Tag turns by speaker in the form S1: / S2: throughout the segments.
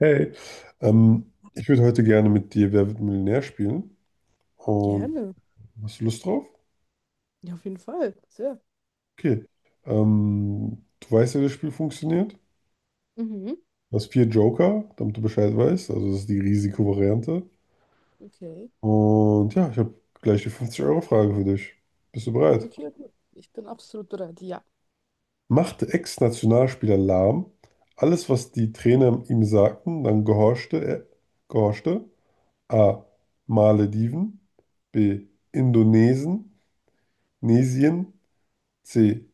S1: Hey, ich würde heute gerne mit dir Wer wird Millionär spielen. Und
S2: Gerne.
S1: hast du Lust drauf?
S2: Ja, auf jeden Fall. Sehr.
S1: Okay. Du weißt ja, wie das Spiel funktioniert.
S2: Mhm.
S1: Du hast vier Joker, damit du Bescheid weißt. Also das ist die Risikovariante.
S2: Okay.
S1: Und ja, ich habe gleich die 50-Euro-Frage für dich. Bist du bereit?
S2: Okay, okay. Ich bin absolut bereit. Ja.
S1: Machte Ex-Nationalspieler lahm. Alles, was die Trainer ihm sagten, dann gehorchte er. Gehorchte. A. Malediven. B. Indonesien. Nesien. C.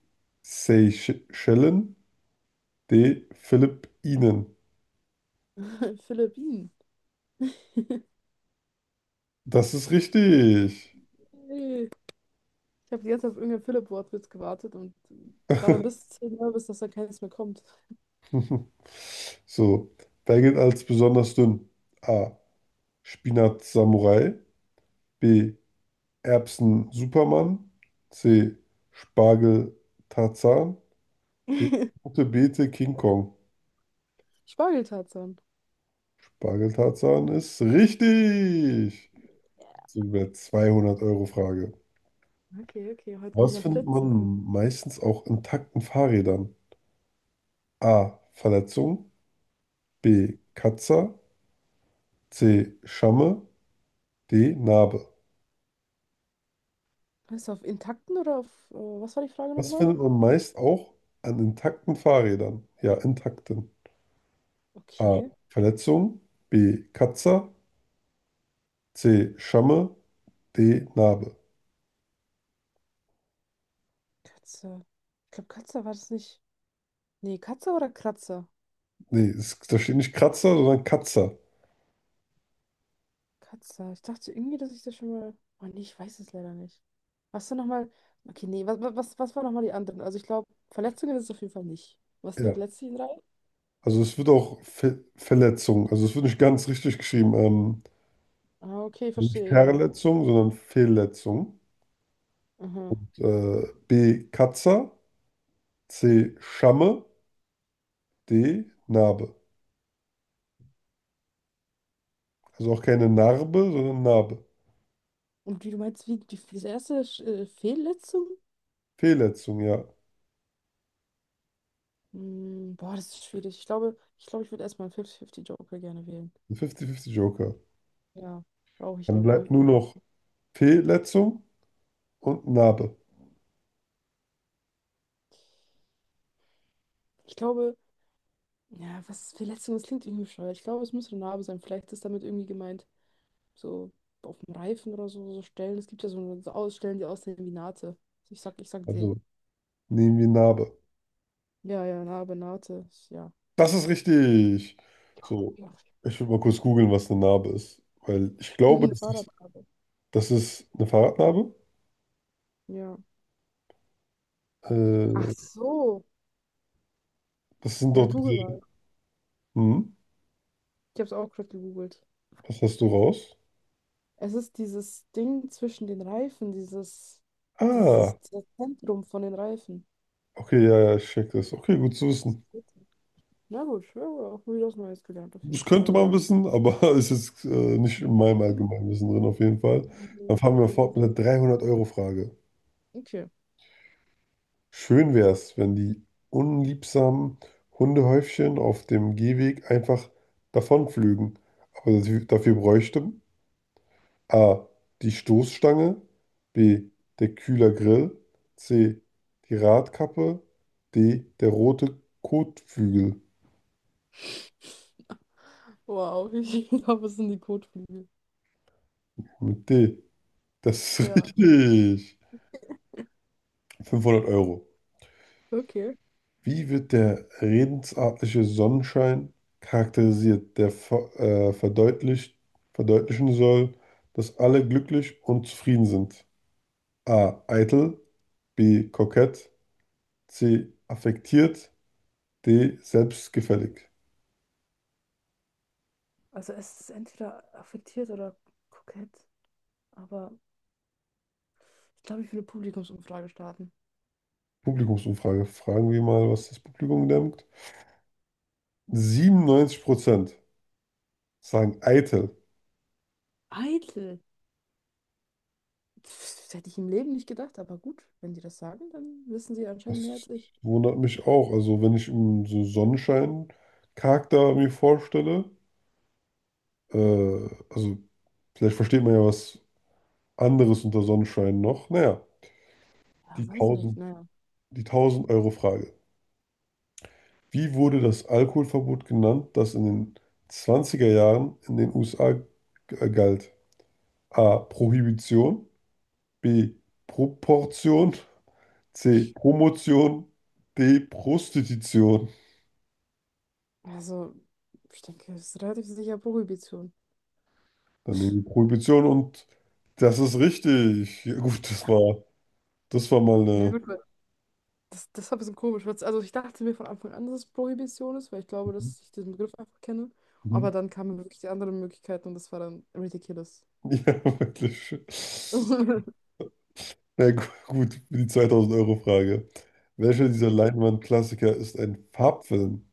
S1: Seychellen. D. Philippinen.
S2: Philippinen.
S1: Das ist richtig.
S2: Hey. Ich habe die ganze Zeit auf irgendein Philipp-Wortwitz gewartet und war dann bis 10 nervös, dass da keines mehr kommt.
S1: So, wer gilt als besonders dünn? A. Spinat Samurai. B. Erbsen Superman. C. Spargel Tarzan. D. Rote Beete King Kong.
S2: Spargeltarzan.
S1: Spargel Tarzan ist richtig. So über 200 Euro Frage.
S2: Okay, okay. Heute bin ich
S1: Was
S2: am
S1: findet
S2: Blitzen.
S1: man meistens auch intakten Fahrrädern? A. Verletzung. B. Katzer. C. Schamme. D. Narbe.
S2: Weißt du, auf intakten oder auf, was war die Frage
S1: Was
S2: nochmal?
S1: findet man meist auch an intakten Fahrrädern? Ja, intakten. A.
S2: Okay.
S1: Verletzung. B. Katzer. C. Schamme. D. Narbe.
S2: Katze. Ich glaube, Katze war das nicht. Nee, Katze oder Kratzer?
S1: Nee, es, da steht nicht Kratzer, sondern Katzer.
S2: Katze. Ich dachte irgendwie, dass ich das schon mal. Oh nee, ich weiß es leider nicht. Hast du nochmal. Okay, nee, was waren nochmal die anderen? Also ich glaube, Verletzungen ist es auf jeden Fall nicht. Was sind
S1: Ja.
S2: die letzten drei?
S1: Also es wird auch Fe Verletzung. Also es wird nicht ganz richtig geschrieben.
S2: Ah, okay,
S1: Nicht
S2: verstehe, ja.
S1: Verletzung, sondern Fehlletzung.
S2: Aha.
S1: Und B. Katzer. C. Schamme. D. Narbe. Also auch keine Narbe, sondern Narbe.
S2: Und wie du meinst, wie die, diese erste Fehlletzung?
S1: Fehlletzung, ja.
S2: Boah, das ist schwierig. Ich glaube, ich würde erstmal einen 50-50-Joker gerne wählen.
S1: Ein 50-50-Joker.
S2: Ja, brauche ich,
S1: Dann
S2: glaube ich,
S1: bleibt
S2: einfach.
S1: nur noch Fehlletzung und Narbe.
S2: Ich glaube, ja, was Verletzung, das klingt irgendwie bescheuert. Ich glaube, es muss eine Narbe sein. Vielleicht ist damit irgendwie gemeint, so auf dem Reifen oder so, so Stellen. Es gibt ja so, so Ausstellen, die aussehen wie Naht. Ich sag die.
S1: Also nehmen wir Narbe.
S2: Ja, ja, Narbe, Naht. Ja.
S1: Das ist richtig. So,
S2: Ja.
S1: ich will mal kurz googeln, was eine Narbe ist. Weil ich glaube,
S2: Mhm.
S1: das ist,
S2: Fahrradnarbe.
S1: das ist eine Fahrradnarbe.
S2: Ja. Ach
S1: Äh,
S2: so.
S1: das sind
S2: Ja,
S1: doch
S2: google
S1: diese.
S2: mal.
S1: Hm,
S2: Ich habe es auch gerade gegoogelt.
S1: was hast du raus?
S2: Es ist dieses Ding zwischen den Reifen,
S1: Ah,
S2: dieses, dieses Zentrum von den Reifen.
S1: okay, ja, ja, ich check das. Okay, gut zu wissen.
S2: Na gut, ja, auch wieder was Neues gelernt auf jeden
S1: Das
S2: Fall,
S1: könnte
S2: ja.
S1: man wissen, aber es ist nicht in meinem Allgemeinwissen drin auf jeden Fall. Dann fahren wir fort mit der 300-Euro-Frage.
S2: Okay.
S1: Schön wäre es, wenn die unliebsamen Hundehäufchen auf dem Gehweg einfach davonflügen. Aber dafür bräuchte A. die Stoßstange, B. der Kühlergrill, C. die Radkappe, D. der rote Kotflügel
S2: Wow, ich glaube, es sind die Kotflügel.
S1: mit D. Das ist
S2: Ja.
S1: richtig. 500 Euro.
S2: Okay.
S1: Wie wird der redensartliche Sonnenschein charakterisiert, der verdeutlichen soll, dass alle glücklich und zufrieden sind? A. Eitel, B. Kokett, C. Affektiert, D. Selbstgefällig.
S2: Also es ist entweder affektiert oder kokett. Aber ich glaube, ich will eine Publikumsumfrage starten.
S1: Publikumsumfrage. Fragen wir mal, was das Publikum denkt. 97% sagen eitel.
S2: Eitel. Pff, das hätte ich im Leben nicht gedacht, aber gut, wenn die das sagen, dann wissen sie anscheinend mehr
S1: Das
S2: als ich.
S1: wundert mich auch. Also, wenn ich so Sonnenschein-Charakter mir vorstelle, äh, also vielleicht versteht man ja was anderes unter Sonnenschein noch. Naja,
S2: Ja,
S1: die
S2: weiß nicht,
S1: tausend,
S2: naja.
S1: die tausend Euro Frage. Wie wurde das Alkoholverbot genannt, das in den 20er Jahren in den USA galt? A. Prohibition. B. Proportion. C. Promotion. D. Prostitution.
S2: Also, ich denke, es ist relativ sicher Prohibition.
S1: Dann nehmen wir Prohibition und das ist richtig. Ja, gut, das
S2: Ja.
S1: war, das war mal
S2: Ja,
S1: eine.
S2: gut, weil das, das war ein bisschen komisch. Weil's- Also, ich dachte mir von Anfang an, dass es Prohibition ist, weil ich glaube, dass ich diesen Begriff einfach kenne.
S1: Mhm.
S2: Aber dann kamen wirklich die anderen Möglichkeiten und das war dann ridiculous.
S1: Ja, wirklich. Na gut, für die 2000-Euro-Frage. Welcher dieser
S2: Okay,
S1: Leinwandklassiker ist ein Farbfilm?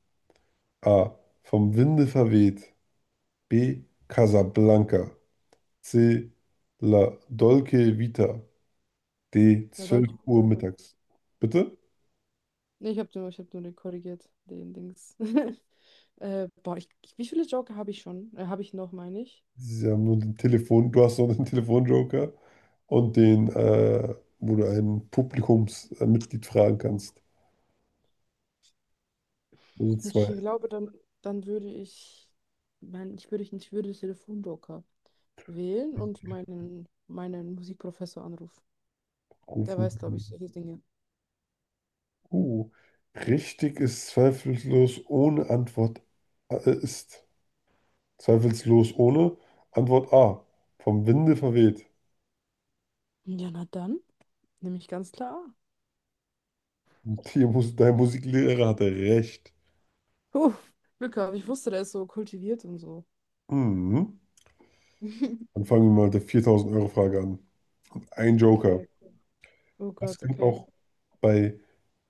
S1: A. Vom Winde verweht. B. Casablanca. C. La Dolce Vita. D.
S2: na,
S1: zwölf
S2: Deutsch.
S1: Uhr mittags. Bitte?
S2: Nee, ich habe nur, ich hab nur den korrigiert, den Dings. Boah, wie viele Joker habe ich schon? Habe ich noch, meine ich.
S1: Sie haben nur den Telefon, du hast noch den Telefonjoker und den, wo du ein Publikumsmitglied fragen kannst. Also
S2: Ich
S1: zwei
S2: glaube, dann würde ich, ich würde den Telefonjoker wählen und meinen Musikprofessor anrufen. Der weiß, glaube
S1: rufen.
S2: ich, solche Dinge.
S1: Uh, richtig ist zweifellos ohne Antwort ist zweifellos ohne Antwort A. Vom Winde verweht.
S2: Ja, na dann, nehme ich ganz klar.
S1: Und die Mus dein Musiklehrer hatte recht.
S2: A. Huh, Glück gehabt, ich wusste, der ist so kultiviert und so.
S1: Mhm. Dann fangen wir mal mit der 4000-Euro-Frage an. Ein Joker.
S2: Okay. Oh
S1: Was
S2: Gott,
S1: gilt
S2: okay.
S1: auch bei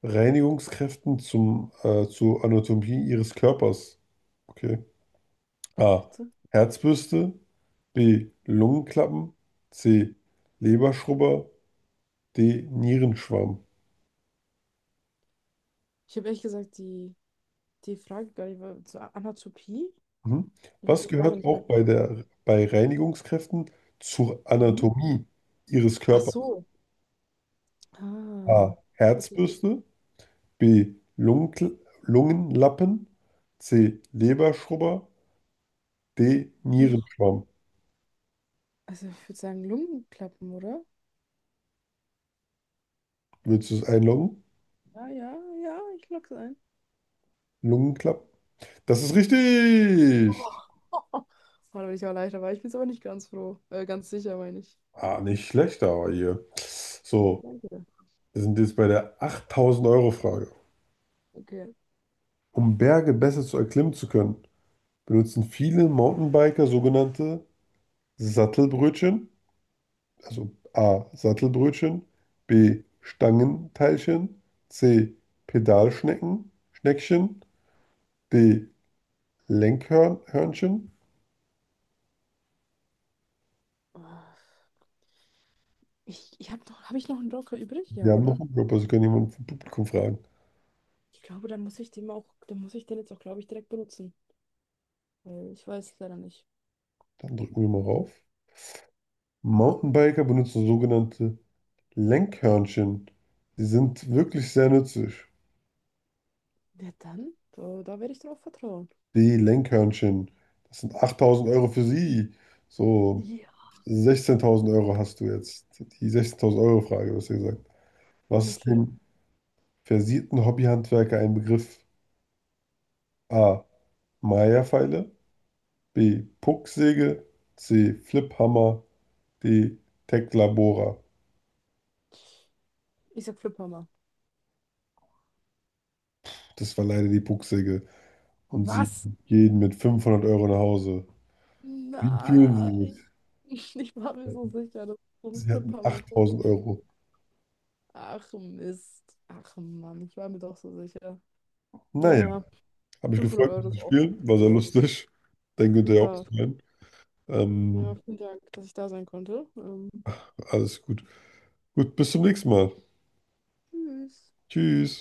S1: Reinigungskräften zur Anatomie ihres Körpers? Okay. A.
S2: Bitte?
S1: Herzbürste. B. Lungenklappen. C. Leberschrubber. Denierenschwamm.
S2: Ich habe ehrlich gesagt die Frage gar nicht, zur Anatopie.
S1: Mhm.
S2: Ich habe
S1: Was
S2: die Frage
S1: gehört
S2: nicht
S1: auch
S2: ganz verstanden.
S1: bei Reinigungskräften zur
S2: Mhm.
S1: Anatomie Ihres
S2: Ach
S1: Körpers?
S2: so. Ah,
S1: A.
S2: okay.
S1: Herzbürste. B. Lungenlappen. C. Leberschrubber. D. Nierenschwamm.
S2: Also ich würde sagen Lungenklappen, oder?
S1: Willst du es einloggen?
S2: Ja, ja, ja, ich lock's ein.
S1: Lungenklappen? Das ist richtig!
S2: Oh. Oh, da bin ich auch leichter, aber ich bin es aber nicht ganz froh. Ganz sicher, meine ich.
S1: Ah, nicht schlecht, aber hier. So,
S2: Danke.
S1: wir sind jetzt bei der 8000-Euro-Frage.
S2: Okay.
S1: Um Berge besser zu erklimmen zu können, benutzen viele Mountainbiker sogenannte Sattelbrötchen, also A. Sattelbrötchen, B. Stangenteilchen, C. Pedalschnecken, Schneckchen, D. Lenkhörnchen.
S2: Ah, ich habe noch, habe ich noch einen Joker übrig? Ja,
S1: Wir haben noch
S2: oder?
S1: einen Job, also kann jemand vom Publikum fragen.
S2: Ich glaube, dann muss ich den auch, dann muss ich den jetzt auch, glaube ich, direkt benutzen. Weil ich weiß es leider nicht.
S1: Dann drücken wir mal rauf. Mountainbiker benutzen sogenannte Lenkhörnchen. Sie sind wirklich sehr nützlich.
S2: Ja, dann? Da, da werde ich drauf vertrauen.
S1: Die Lenkhörnchen, das sind 8.000 Euro für sie. So
S2: Ja.
S1: 16.000 Euro hast du jetzt. Die 16.000 Euro Frage, was ihr gesagt. Was ist
S2: Okay.
S1: dem versierten Hobbyhandwerker ein Begriff? A. Maya-Pfeile, B. Pucksäge, C. Fliphammer, D. Tecklabora.
S2: Ich sag Fliphammer.
S1: Das war leider die Pucksäge. Und sie
S2: Was?
S1: gehen mit 500 Euro nach Hause. Wie fühlen
S2: Nein,
S1: sie
S2: ich war mir so
S1: sich?
S2: sicher, dass so ein
S1: Sie hatten
S2: Flippermikro
S1: 8000
S2: ist.
S1: Euro.
S2: Ach Mist. Ach Mann, ich war mir doch so sicher.
S1: Naja,
S2: Naja,
S1: habe mich
S2: 500
S1: gefreut,
S2: Euro
S1: mit zu
S2: ist auch ganz
S1: spielen. War sehr
S2: cool.
S1: lustig. Denke, hinterher auch
S2: Ja,
S1: zu sein.
S2: ja,
S1: Ähm,
S2: vielen Dank, dass ich da sein konnte.
S1: alles gut. Gut, bis zum nächsten Mal.
S2: Tschüss.
S1: Tschüss.